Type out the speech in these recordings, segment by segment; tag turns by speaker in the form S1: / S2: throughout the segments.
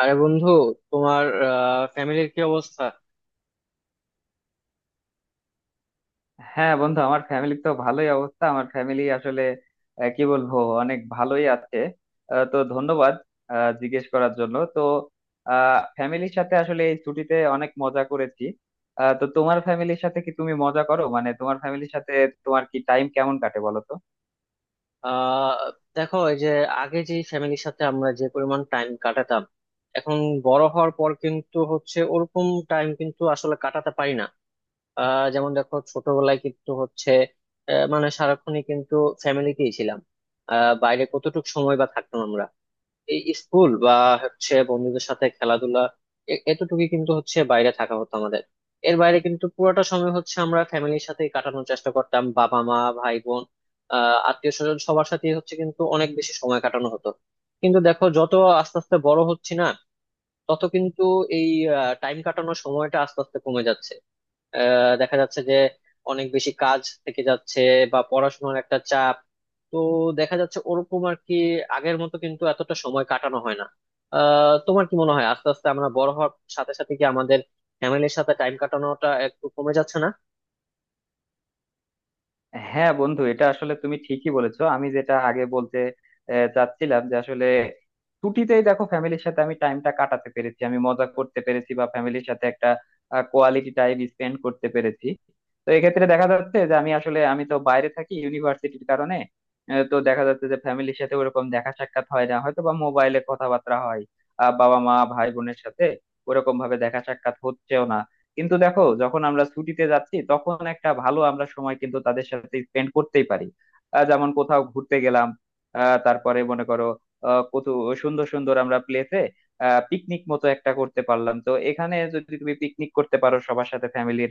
S1: আরে বন্ধু, তোমার ফ্যামিলির কি অবস্থা?
S2: হ্যাঁ বন্ধু, আমার ফ্যামিলি তো ভালোই অবস্থা। আমার ফ্যামিলি আসলে কি বলবো, অনেক ভালোই আছে। তো ধন্যবাদ জিজ্ঞেস করার জন্য। তো ফ্যামিলির সাথে আসলে এই ছুটিতে অনেক মজা করেছি। তো তোমার ফ্যামিলির সাথে কি তুমি মজা করো? মানে তোমার ফ্যামিলির সাথে তোমার কি টাইম কেমন কাটে, বলো তো।
S1: আহ দেখো, এই যে আগে যে ফ্যামিলির সাথে আমরা যে পরিমাণ টাইম কাটাতাম, এখন বড় হওয়ার পর কিন্তু হচ্ছে ওরকম টাইম কিন্তু আসলে কাটাতে পারি না। যেমন দেখো, ছোটবেলায় কিন্তু হচ্ছে মানে সারাক্ষণই কিন্তু ফ্যামিলিতেই ছিলাম। বাইরে কতটুকু সময় বা থাকতাম আমরা, এই স্কুল বা হচ্ছে বন্ধুদের সাথে খেলাধুলা, এতটুকুই কিন্তু হচ্ছে বাইরে থাকা হতো আমাদের। এর বাইরে কিন্তু পুরোটা সময় হচ্ছে আমরা ফ্যামিলির সাথে কাটানোর চেষ্টা করতাম, বাবা মা ভাই বোন আত্মীয় স্বজন সবার সাথে হচ্ছে কিন্তু অনেক বেশি সময় কাটানো হতো। কিন্তু দেখো, যত আস্তে আস্তে বড় হচ্ছি না, তত কিন্তু এই টাইম কাটানোর সময়টা আস্তে আস্তে কমে যাচ্ছে। দেখা যাচ্ছে যে অনেক বেশি কাজ থেকে যাচ্ছে, বা পড়াশোনার একটা চাপ, তো দেখা যাচ্ছে ওরকম আর কি, আগের মতো কিন্তু এতটা সময় কাটানো হয় না। তোমার কি মনে হয়, আস্তে আস্তে আমরা বড় হওয়ার সাথে সাথে কি আমাদের ফ্যামিলির সাথে টাইম কাটানোটা একটু কমে যাচ্ছে না?
S2: হ্যাঁ বন্ধু, এটা আসলে তুমি ঠিকই বলেছো। আমি যেটা আগে বলতে চাচ্ছিলাম যে আসলে ছুটিতেই দেখো ফ্যামিলির সাথে আমি টাইমটা কাটাতে পেরেছি, আমি মজা করতে পেরেছি, বা ফ্যামিলির সাথে একটা কোয়ালিটি টাইম স্পেন্ড করতে পেরেছি। তো এক্ষেত্রে দেখা যাচ্ছে যে আমি আসলে আমি তো বাইরে থাকি ইউনিভার্সিটির কারণে। তো দেখা যাচ্ছে যে ফ্যামিলির সাথে ওরকম দেখা সাক্ষাৎ হয় না, হয়তো বা মোবাইলে কথাবার্তা হয় বাবা মা ভাই বোনের সাথে। ওরকম ভাবে দেখা সাক্ষাৎ হচ্ছেও না, কিন্তু দেখো যখন আমরা ছুটিতে যাচ্ছি তখন একটা ভালো আমরা সময় কিন্তু তাদের সাথে স্পেন্ড করতেই পারি। যেমন কোথাও ঘুরতে গেলাম, তারপরে মনে করো কত সুন্দর সুন্দর আমরা প্লেসে পিকনিক মতো একটা করতে পারলাম। তো এখানে যদি তুমি পিকনিক করতে পারো সবার সাথে, ফ্যামিলির,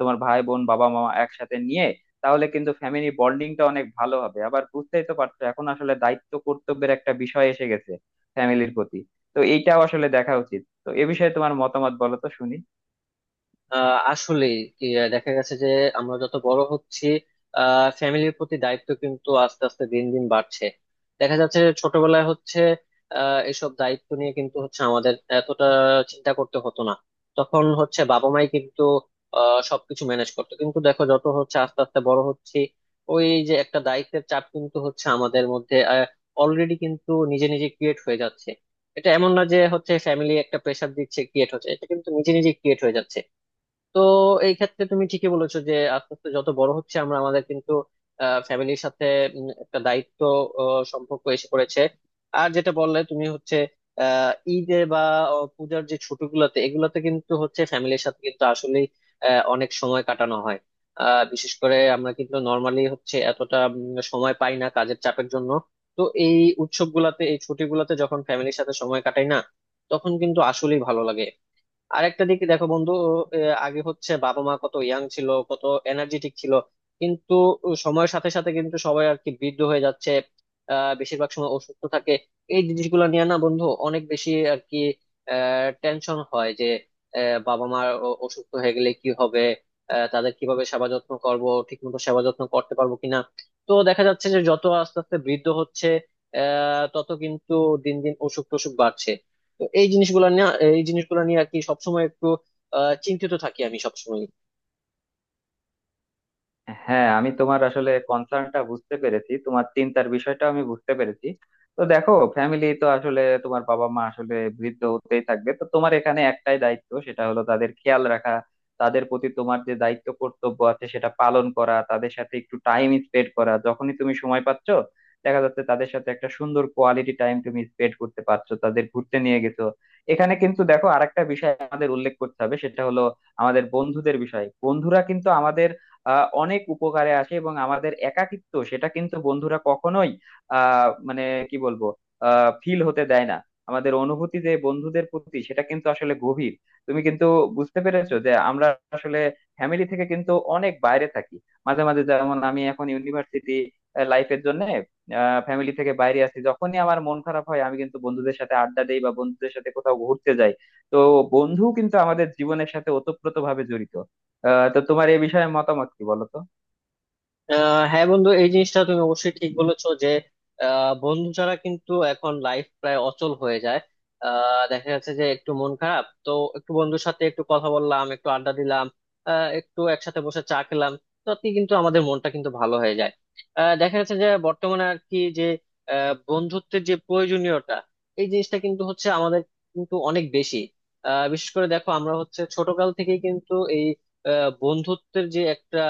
S2: তোমার ভাই বোন বাবা মা একসাথে নিয়ে, তাহলে কিন্তু ফ্যামিলি বন্ডিংটা অনেক ভালো হবে। আবার বুঝতেই তো পারছো এখন আসলে দায়িত্ব কর্তব্যের একটা বিষয় এসে গেছে ফ্যামিলির প্রতি। তো এইটাও আসলে দেখা উচিত। তো এ বিষয়ে তোমার মতামত বলো তো শুনি।
S1: আসলে কি, দেখা গেছে যে আমরা যত বড় হচ্ছি, ফ্যামিলির প্রতি দায়িত্ব কিন্তু আস্তে আস্তে দিন দিন বাড়ছে। দেখা যাচ্ছে যে ছোটবেলায় হচ্ছে এসব দায়িত্ব নিয়ে কিন্তু হচ্ছে আমাদের এতটা চিন্তা করতে হতো না। তখন হচ্ছে বাবা মাই কিন্তু সবকিছু ম্যানেজ করতো। কিন্তু দেখো, যত হচ্ছে আস্তে আস্তে বড় হচ্ছি, ওই যে একটা দায়িত্বের চাপ কিন্তু হচ্ছে আমাদের মধ্যে অলরেডি কিন্তু নিজে নিজে ক্রিয়েট হয়ে যাচ্ছে। এটা এমন না যে হচ্ছে ফ্যামিলি একটা প্রেশার দিচ্ছে ক্রিয়েট হচ্ছে, এটা কিন্তু নিজে নিজে ক্রিয়েট হয়ে যাচ্ছে। তো এই ক্ষেত্রে তুমি ঠিকই বলেছো যে আস্তে আস্তে যত বড় হচ্ছে আমরা, আমাদের কিন্তু ফ্যামিলির সাথে একটা দায়িত্ব সম্পর্ক এসে পড়েছে। আর যেটা বললে তুমি হচ্ছে ঈদে বা পূজার যে ছুটিগুলোতে, এগুলোতে কিন্তু হচ্ছে ফ্যামিলির সাথে কিন্তু আসলে অনেক সময় কাটানো হয়। বিশেষ করে আমরা কিন্তু নর্মালি হচ্ছে এতটা সময় পাই না কাজের চাপের জন্য। তো এই উৎসবগুলাতে, এই ছুটিগুলোতে যখন ফ্যামিলির সাথে সময় কাটাই না, তখন কিন্তু আসলেই ভালো লাগে। আরেকটা দিক দেখো বন্ধু, আগে হচ্ছে বাবা মা কত ইয়াং ছিল, কত এনার্জেটিক ছিল, কিন্তু সময়ের সাথে সাথে কিন্তু সবাই আর কি বৃদ্ধ হয়ে যাচ্ছে। বেশিরভাগ সময় অসুস্থ থাকে। এই জিনিসগুলো নিয়ে না বন্ধু, অনেক বেশি আর কি টেনশন হয় যে বাবা মা অসুস্থ হয়ে গেলে কি হবে, তাদের কিভাবে সেবা যত্ন করবো, ঠিক মতো সেবা যত্ন করতে পারবো কিনা। তো দেখা যাচ্ছে যে যত আস্তে আস্তে বৃদ্ধ হচ্ছে, তত কিন্তু দিন দিন অসুখ টসুখ বাড়ছে। তো এই জিনিসগুলো নিয়ে, আর কি সবসময় একটু চিন্তিত থাকি আমি সবসময়।
S2: হ্যাঁ, আমি তোমার আসলে কনসার্নটা বুঝতে পেরেছি, তোমার চিন্তার বিষয়টা আমি বুঝতে পেরেছি। তো দেখো ফ্যামিলি তো আসলে তোমার বাবা মা আসলে বৃদ্ধ হতেই থাকবে। তো তোমার এখানে একটাই দায়িত্ব, সেটা হলো তাদের খেয়াল রাখা, তাদের প্রতি তোমার যে দায়িত্ব কর্তব্য আছে সেটা পালন করা, তাদের সাথে একটু টাইম স্পেন্ড করা যখনই তুমি সময় পাচ্ছ। দেখা যাচ্ছে তাদের সাথে একটা সুন্দর কোয়ালিটি টাইম তুমি স্পেন্ড করতে পারছো, তাদের ঘুরতে নিয়ে গেছো। এখানে কিন্তু দেখো আরেকটা বিষয় আমাদের উল্লেখ করতে হবে, সেটা হলো আমাদের বন্ধুদের বিষয়। বন্ধুরা কিন্তু আমাদের অনেক উপকারে আসে, এবং আমাদের একাকিত্ব সেটা কিন্তু বন্ধুরা কখনোই আহ মানে কি বলবো, ফিল হতে দেয় না। আমাদের অনুভূতি যে বন্ধুদের প্রতি সেটা কিন্তু আসলে গভীর। তুমি কিন্তু বুঝতে পেরেছো যে আমরা আসলে ফ্যামিলি থেকে কিন্তু অনেক বাইরে থাকি। মাঝে মাঝে যেমন আমি এখন ইউনিভার্সিটি লাইফের জন্য ফ্যামিলি থেকে বাইরে আছি। যখনই আমার মন খারাপ হয় আমি কিন্তু বন্ধুদের সাথে আড্ডা দেই বা বন্ধুদের সাথে কোথাও ঘুরতে যাই। তো বন্ধু কিন্তু আমাদের জীবনের সাথে ওতপ্রোতভাবে জড়িত। তো তোমার এই বিষয়ে মতামত কি, বলো তো।
S1: হ্যাঁ বন্ধু, এই জিনিসটা তুমি অবশ্যই ঠিক বলেছো যে বন্ধু ছাড়া কিন্তু এখন লাইফ প্রায় অচল হয়ে যায়। দেখা যাচ্ছে যে একটু মন খারাপ তো একটু বন্ধুর সাথে একটু কথা বললাম, একটু আড্ডা দিলাম, একটু একসাথে বসে চা খেলাম, তাতে কিন্তু আমাদের মনটা কিন্তু ভালো হয়ে যায়। দেখা যাচ্ছে যে বর্তমানে আর কি যে বন্ধুত্বের যে প্রয়োজনীয়তা, এই জিনিসটা কিন্তু হচ্ছে আমাদের কিন্তু অনেক বেশি। বিশেষ করে দেখো, আমরা হচ্ছে ছোটকাল থেকেই কিন্তু এই বন্ধুত্বের যে একটা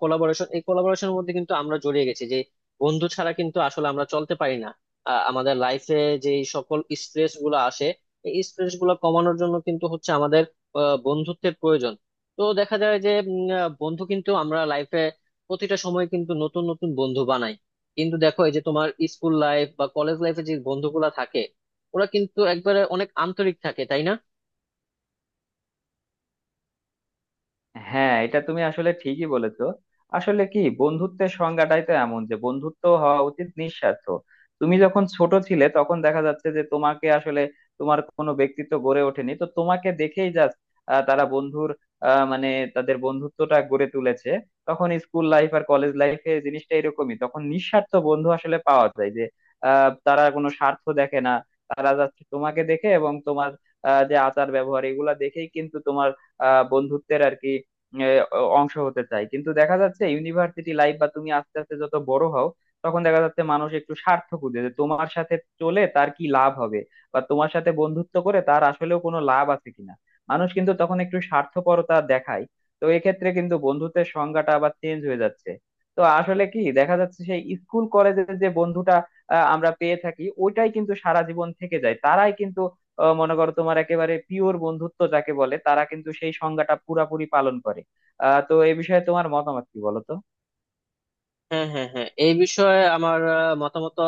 S1: কোলাবোরেশন, এই কোলাবোরেশনের মধ্যে কিন্তু আমরা জড়িয়ে গেছি যে বন্ধু ছাড়া কিন্তু আসলে আমরা চলতে পারি না। আমাদের লাইফে যে সকল স্ট্রেস গুলো আসে, এই স্ট্রেস গুলো কমানোর জন্য কিন্তু হচ্ছে আমাদের বন্ধুত্বের প্রয়োজন। তো দেখা যায় যে বন্ধু কিন্তু আমরা লাইফে প্রতিটা সময় কিন্তু নতুন নতুন বন্ধু বানাই। কিন্তু দেখো, এই যে তোমার স্কুল লাইফ বা কলেজ লাইফে যে বন্ধুগুলা থাকে, ওরা কিন্তু একবারে অনেক আন্তরিক থাকে, তাই না?
S2: হ্যাঁ, এটা তুমি আসলে ঠিকই বলেছো। আসলে কি, বন্ধুত্বের সংজ্ঞাটাই তো এমন যে বন্ধুত্ব হওয়া উচিত নিঃস্বার্থ। তুমি যখন ছোট ছিলে তখন দেখা যাচ্ছে যে তোমাকে আসলে তোমার কোনো ব্যক্তিত্ব গড়ে ওঠেনি, তো তোমাকে দেখেই জাস্ট তারা বন্ধুর মানে তাদের বন্ধুত্বটা গড়ে তুলেছে। তখন স্কুল লাইফ আর কলেজ লাইফে জিনিসটা এরকমই, তখন নিঃস্বার্থ বন্ধু আসলে পাওয়া যায় যে তারা কোনো স্বার্থ দেখে না। তারা যাচ্ছে তোমাকে দেখে এবং তোমার যে আচার ব্যবহার, এগুলা দেখেই কিন্তু তোমার আহ বন্ধুত্বের আর কি এ, অ- অংশ হতে চাই। কিন্তু দেখা যাচ্ছে ইউনিভার্সিটি লাইফ বা তুমি আস্তে আস্তে যত বড় হও, তখন দেখা যাচ্ছে মানুষ একটু স্বার্থ খুঁজে যে তোমার সাথে চলে তার কি লাভ হবে, বা তোমার সাথে বন্ধুত্ব করে তার আসলেও কোনো লাভ আছে কিনা। মানুষ কিন্তু তখন একটু স্বার্থপরতা দেখায়। তো এক্ষেত্রে কিন্তু বন্ধুত্বের সংজ্ঞাটা আবার চেঞ্জ হয়ে যাচ্ছে। তো আসলে কি দেখা যাচ্ছে, সেই স্কুল কলেজের যে বন্ধুটা আমরা পেয়ে থাকি ওইটাই কিন্তু সারা জীবন থেকে যায়। তারাই কিন্তু মনে করো তোমার একেবারে পিওর বন্ধুত্ব যাকে বলে, তারা কিন্তু সেই সংজ্ঞাটা পুরাপুরি পালন করে। তো এই বিষয়ে তোমার মতামত কি, বলো তো।
S1: হ্যাঁ, হ্যাঁ, হ্যাঁ, এই বিষয়ে আমার মতামত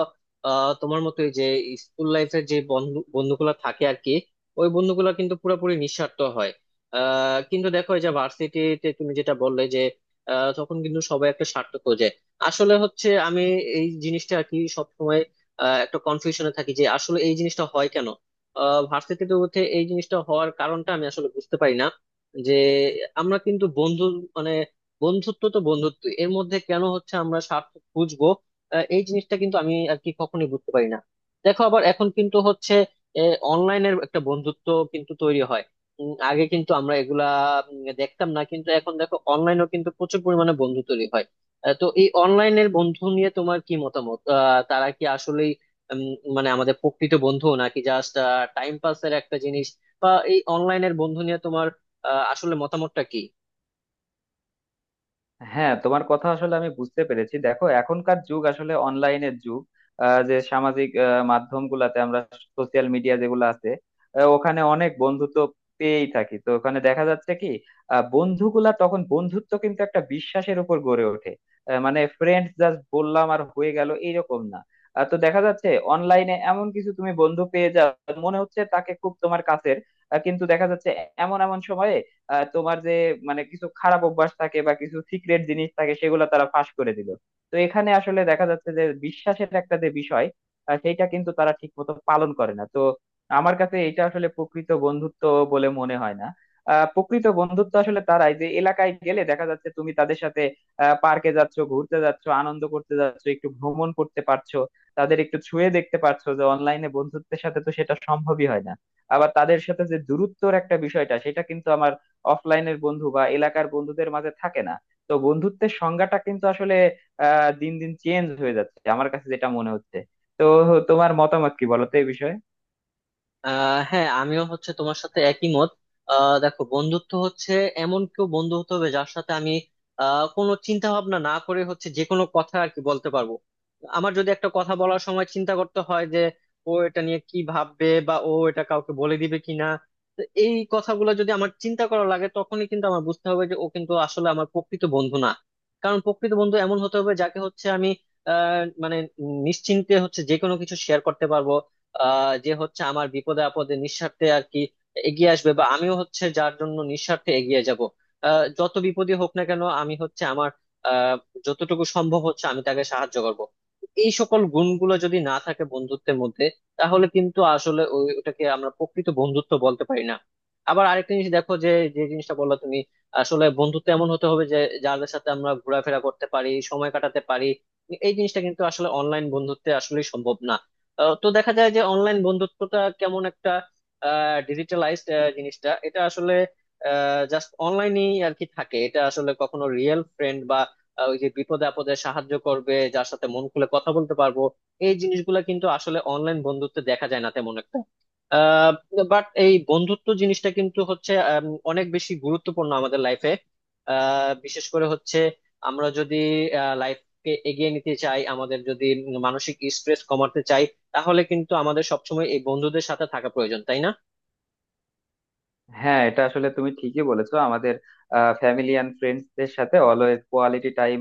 S1: তোমার মতোই যে স্কুল লাইফের যে বন্ধুগুলো থাকে আর কি, ওই বন্ধুগুলো কিন্তু পুরোপুরি নিঃস্বার্থ হয়। কিন্তু দেখো, এই যে ভার্সিটিতে তুমি যেটা বললে যে তখন কিন্তু সবাই একটা স্বার্থ খোঁজে। আসলে হচ্ছে আমি এই জিনিসটা আর কি সবসময় একটা কনফিউশনে থাকি যে আসলে এই জিনিসটা হয় কেন, ভার্সিটিতে উঠে এই জিনিসটা হওয়ার কারণটা আমি আসলে বুঝতে পারি না। যে আমরা কিন্তু বন্ধু, মানে বন্ধুত্ব, তো বন্ধুত্ব এর মধ্যে কেন হচ্ছে আমরা স্বার্থ খুঁজবো? এই জিনিসটা কিন্তু আমি আর কি কখনোই বুঝতে পারি না। দেখো, আবার এখন কিন্তু হচ্ছে অনলাইনের একটা বন্ধুত্ব কিন্তু তৈরি হয়। আগে কিন্তু আমরা এগুলা দেখতাম না, কিন্তু এখন দেখো অনলাইনেও কিন্তু প্রচুর পরিমাণে বন্ধু তৈরি হয়। তো এই অনলাইনের বন্ধু নিয়ে তোমার কি মতামত? তারা কি আসলেই উম, মানে আমাদের প্রকৃত বন্ধু, নাকি জাস্ট টাইম পাসের একটা জিনিস, বা এই অনলাইনের বন্ধু নিয়ে তোমার আসলে মতামতটা কি?
S2: হ্যাঁ, তোমার কথা আসলে আমি বুঝতে পেরেছি। দেখো এখনকার যুগ আসলে অনলাইনের যুগ। যে সামাজিক মাধ্যমগুলাতে আমরা, সোশ্যাল মিডিয়া যেগুলো আছে ওখানে অনেক বন্ধুত্ব পেয়েই থাকি। তো ওখানে দেখা যাচ্ছে কি, বন্ধুগুলা তখন বন্ধুত্ব কিন্তু একটা বিশ্বাসের উপর গড়ে ওঠে। মানে ফ্রেন্ডস জাস্ট বললাম আর হয়ে গেল এইরকম না। তো দেখা যাচ্ছে অনলাইনে এমন কিছু তুমি বন্ধু পেয়ে যাও, মনে হচ্ছে তাকে খুব তোমার কাছের। কিন্তু দেখা যাচ্ছে এমন এমন সময়ে তোমার যে মানে কিছু খারাপ অভ্যাস থাকে বা কিছু সিক্রেট জিনিস থাকে সেগুলো তারা ফাঁস করে দিল। তো এখানে আসলে দেখা যাচ্ছে যে বিশ্বাসের একটা যে বিষয়, সেইটা কিন্তু তারা ঠিক মতো পালন করে না। তো আমার কাছে এটা আসলে প্রকৃত বন্ধুত্ব বলে মনে হয় না। প্রকৃত বন্ধুত্ব আসলে তারাই, যে এলাকায় গেলে দেখা যাচ্ছে তুমি তাদের সাথে পার্কে যাচ্ছ, ঘুরতে যাচ্ছ, আনন্দ করতে যাচ্ছ, একটু ভ্রমণ করতে পারছো, তাদের একটু ছুঁয়ে দেখতে পারছো। যে অনলাইনে বন্ধুত্বের সাথে তো সেটা সম্ভবই হয় না। আবার তাদের সাথে যে দূরত্বর একটা বিষয়টা সেটা কিন্তু আমার অফলাইনের বন্ধু বা এলাকার বন্ধুদের মাঝে থাকে না। তো বন্ধুত্বের সংজ্ঞাটা কিন্তু আসলে দিন দিন চেঞ্জ হয়ে যাচ্ছে আমার কাছে যেটা মনে হচ্ছে। তো তোমার মতামত কি বলো তো এই বিষয়ে।
S1: হ্যাঁ, আমিও হচ্ছে তোমার সাথে একই মত। দেখো, বন্ধুত্ব হচ্ছে এমন কেউ বন্ধু হতে হবে যার সাথে আমি কোনো চিন্তা ভাবনা না করে হচ্ছে যে কোনো কথা আর কি বলতে পারবো। আমার যদি একটা কথা বলার সময় চিন্তা করতে হয় যে ও এটা নিয়ে কি ভাববে, বা ও এটা কাউকে বলে দিবে কিনা, তো এই কথাগুলো যদি আমার চিন্তা করা লাগে, তখনই কিন্তু আমার বুঝতে হবে যে ও কিন্তু আসলে আমার প্রকৃত বন্ধু না। কারণ প্রকৃত বন্ধু এমন হতে হবে যাকে হচ্ছে আমি মানে নিশ্চিন্তে হচ্ছে যে কোনো কিছু শেয়ার করতে পারবো, যে হচ্ছে আমার বিপদে আপদে নিঃস্বার্থে আর কি এগিয়ে আসবে, বা আমিও হচ্ছে যার জন্য নিঃস্বার্থে এগিয়ে যাব। যত বিপদই হোক না কেন, আমি হচ্ছে আমার আহ যতটুকু সম্ভব হচ্ছে আমি তাকে সাহায্য করব। এই সকল গুণগুলো যদি না থাকে বন্ধুত্বের মধ্যে, তাহলে কিন্তু আসলে ওটাকে আমরা প্রকৃত বন্ধুত্ব বলতে পারি না। আবার আরেকটা জিনিস দেখো, যে যে জিনিসটা বললা তুমি, আসলে বন্ধুত্ব এমন হতে হবে যে যাদের সাথে আমরা ঘোরাফেরা করতে পারি, সময় কাটাতে পারি, এই জিনিসটা কিন্তু আসলে অনলাইন বন্ধুত্বে আসলে সম্ভব না। তো দেখা যায় যে অনলাইন বন্ধুত্বটা কেমন একটা ডিজিটালাইজড জিনিসটা, এটা আসলে জাস্ট অনলাইনেই আর কি থাকে। এটা আসলে কখনো রিয়েল ফ্রেন্ড বা ওই যে বিপদে আপদে সাহায্য করবে, যার সাথে মন খুলে কথা বলতে পারবো, এই জিনিসগুলো কিন্তু আসলে অনলাইন বন্ধুত্বে দেখা যায় না তেমন একটা। বাট এই বন্ধুত্ব জিনিসটা কিন্তু হচ্ছে অনেক বেশি গুরুত্বপূর্ণ আমাদের লাইফে। বিশেষ করে হচ্ছে আমরা যদি লাইফকে এগিয়ে নিতে চাই, আমাদের যদি মানসিক স্ট্রেস কমাতে চাই, তাহলে কিন্তু আমাদের সবসময় এই বন্ধুদের সাথে থাকা প্রয়োজন, তাই না?
S2: হ্যাঁ, এটা আসলে তুমি ঠিকই বলেছো। আমাদের ফ্যামিলি অ্যান্ড ফ্রেন্ডসদের সাথে অলওয়েজ কোয়ালিটি টাইম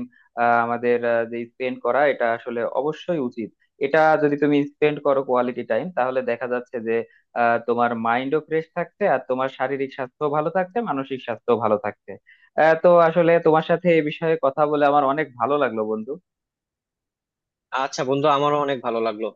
S2: আমাদের যে স্পেন্ড করা, এটা আসলে অবশ্যই উচিত। এটা যদি তুমি স্পেন্ড করো কোয়ালিটি টাইম, তাহলে দেখা যাচ্ছে যে তোমার মাইন্ডও ফ্রেশ থাকছে, আর তোমার শারীরিক স্বাস্থ্য ভালো থাকছে, মানসিক স্বাস্থ্য ভালো থাকছে। তো আসলে তোমার সাথে এই বিষয়ে কথা বলে আমার অনেক ভালো লাগলো বন্ধু।
S1: আচ্ছা বন্ধু, আমারও অনেক ভালো লাগলো।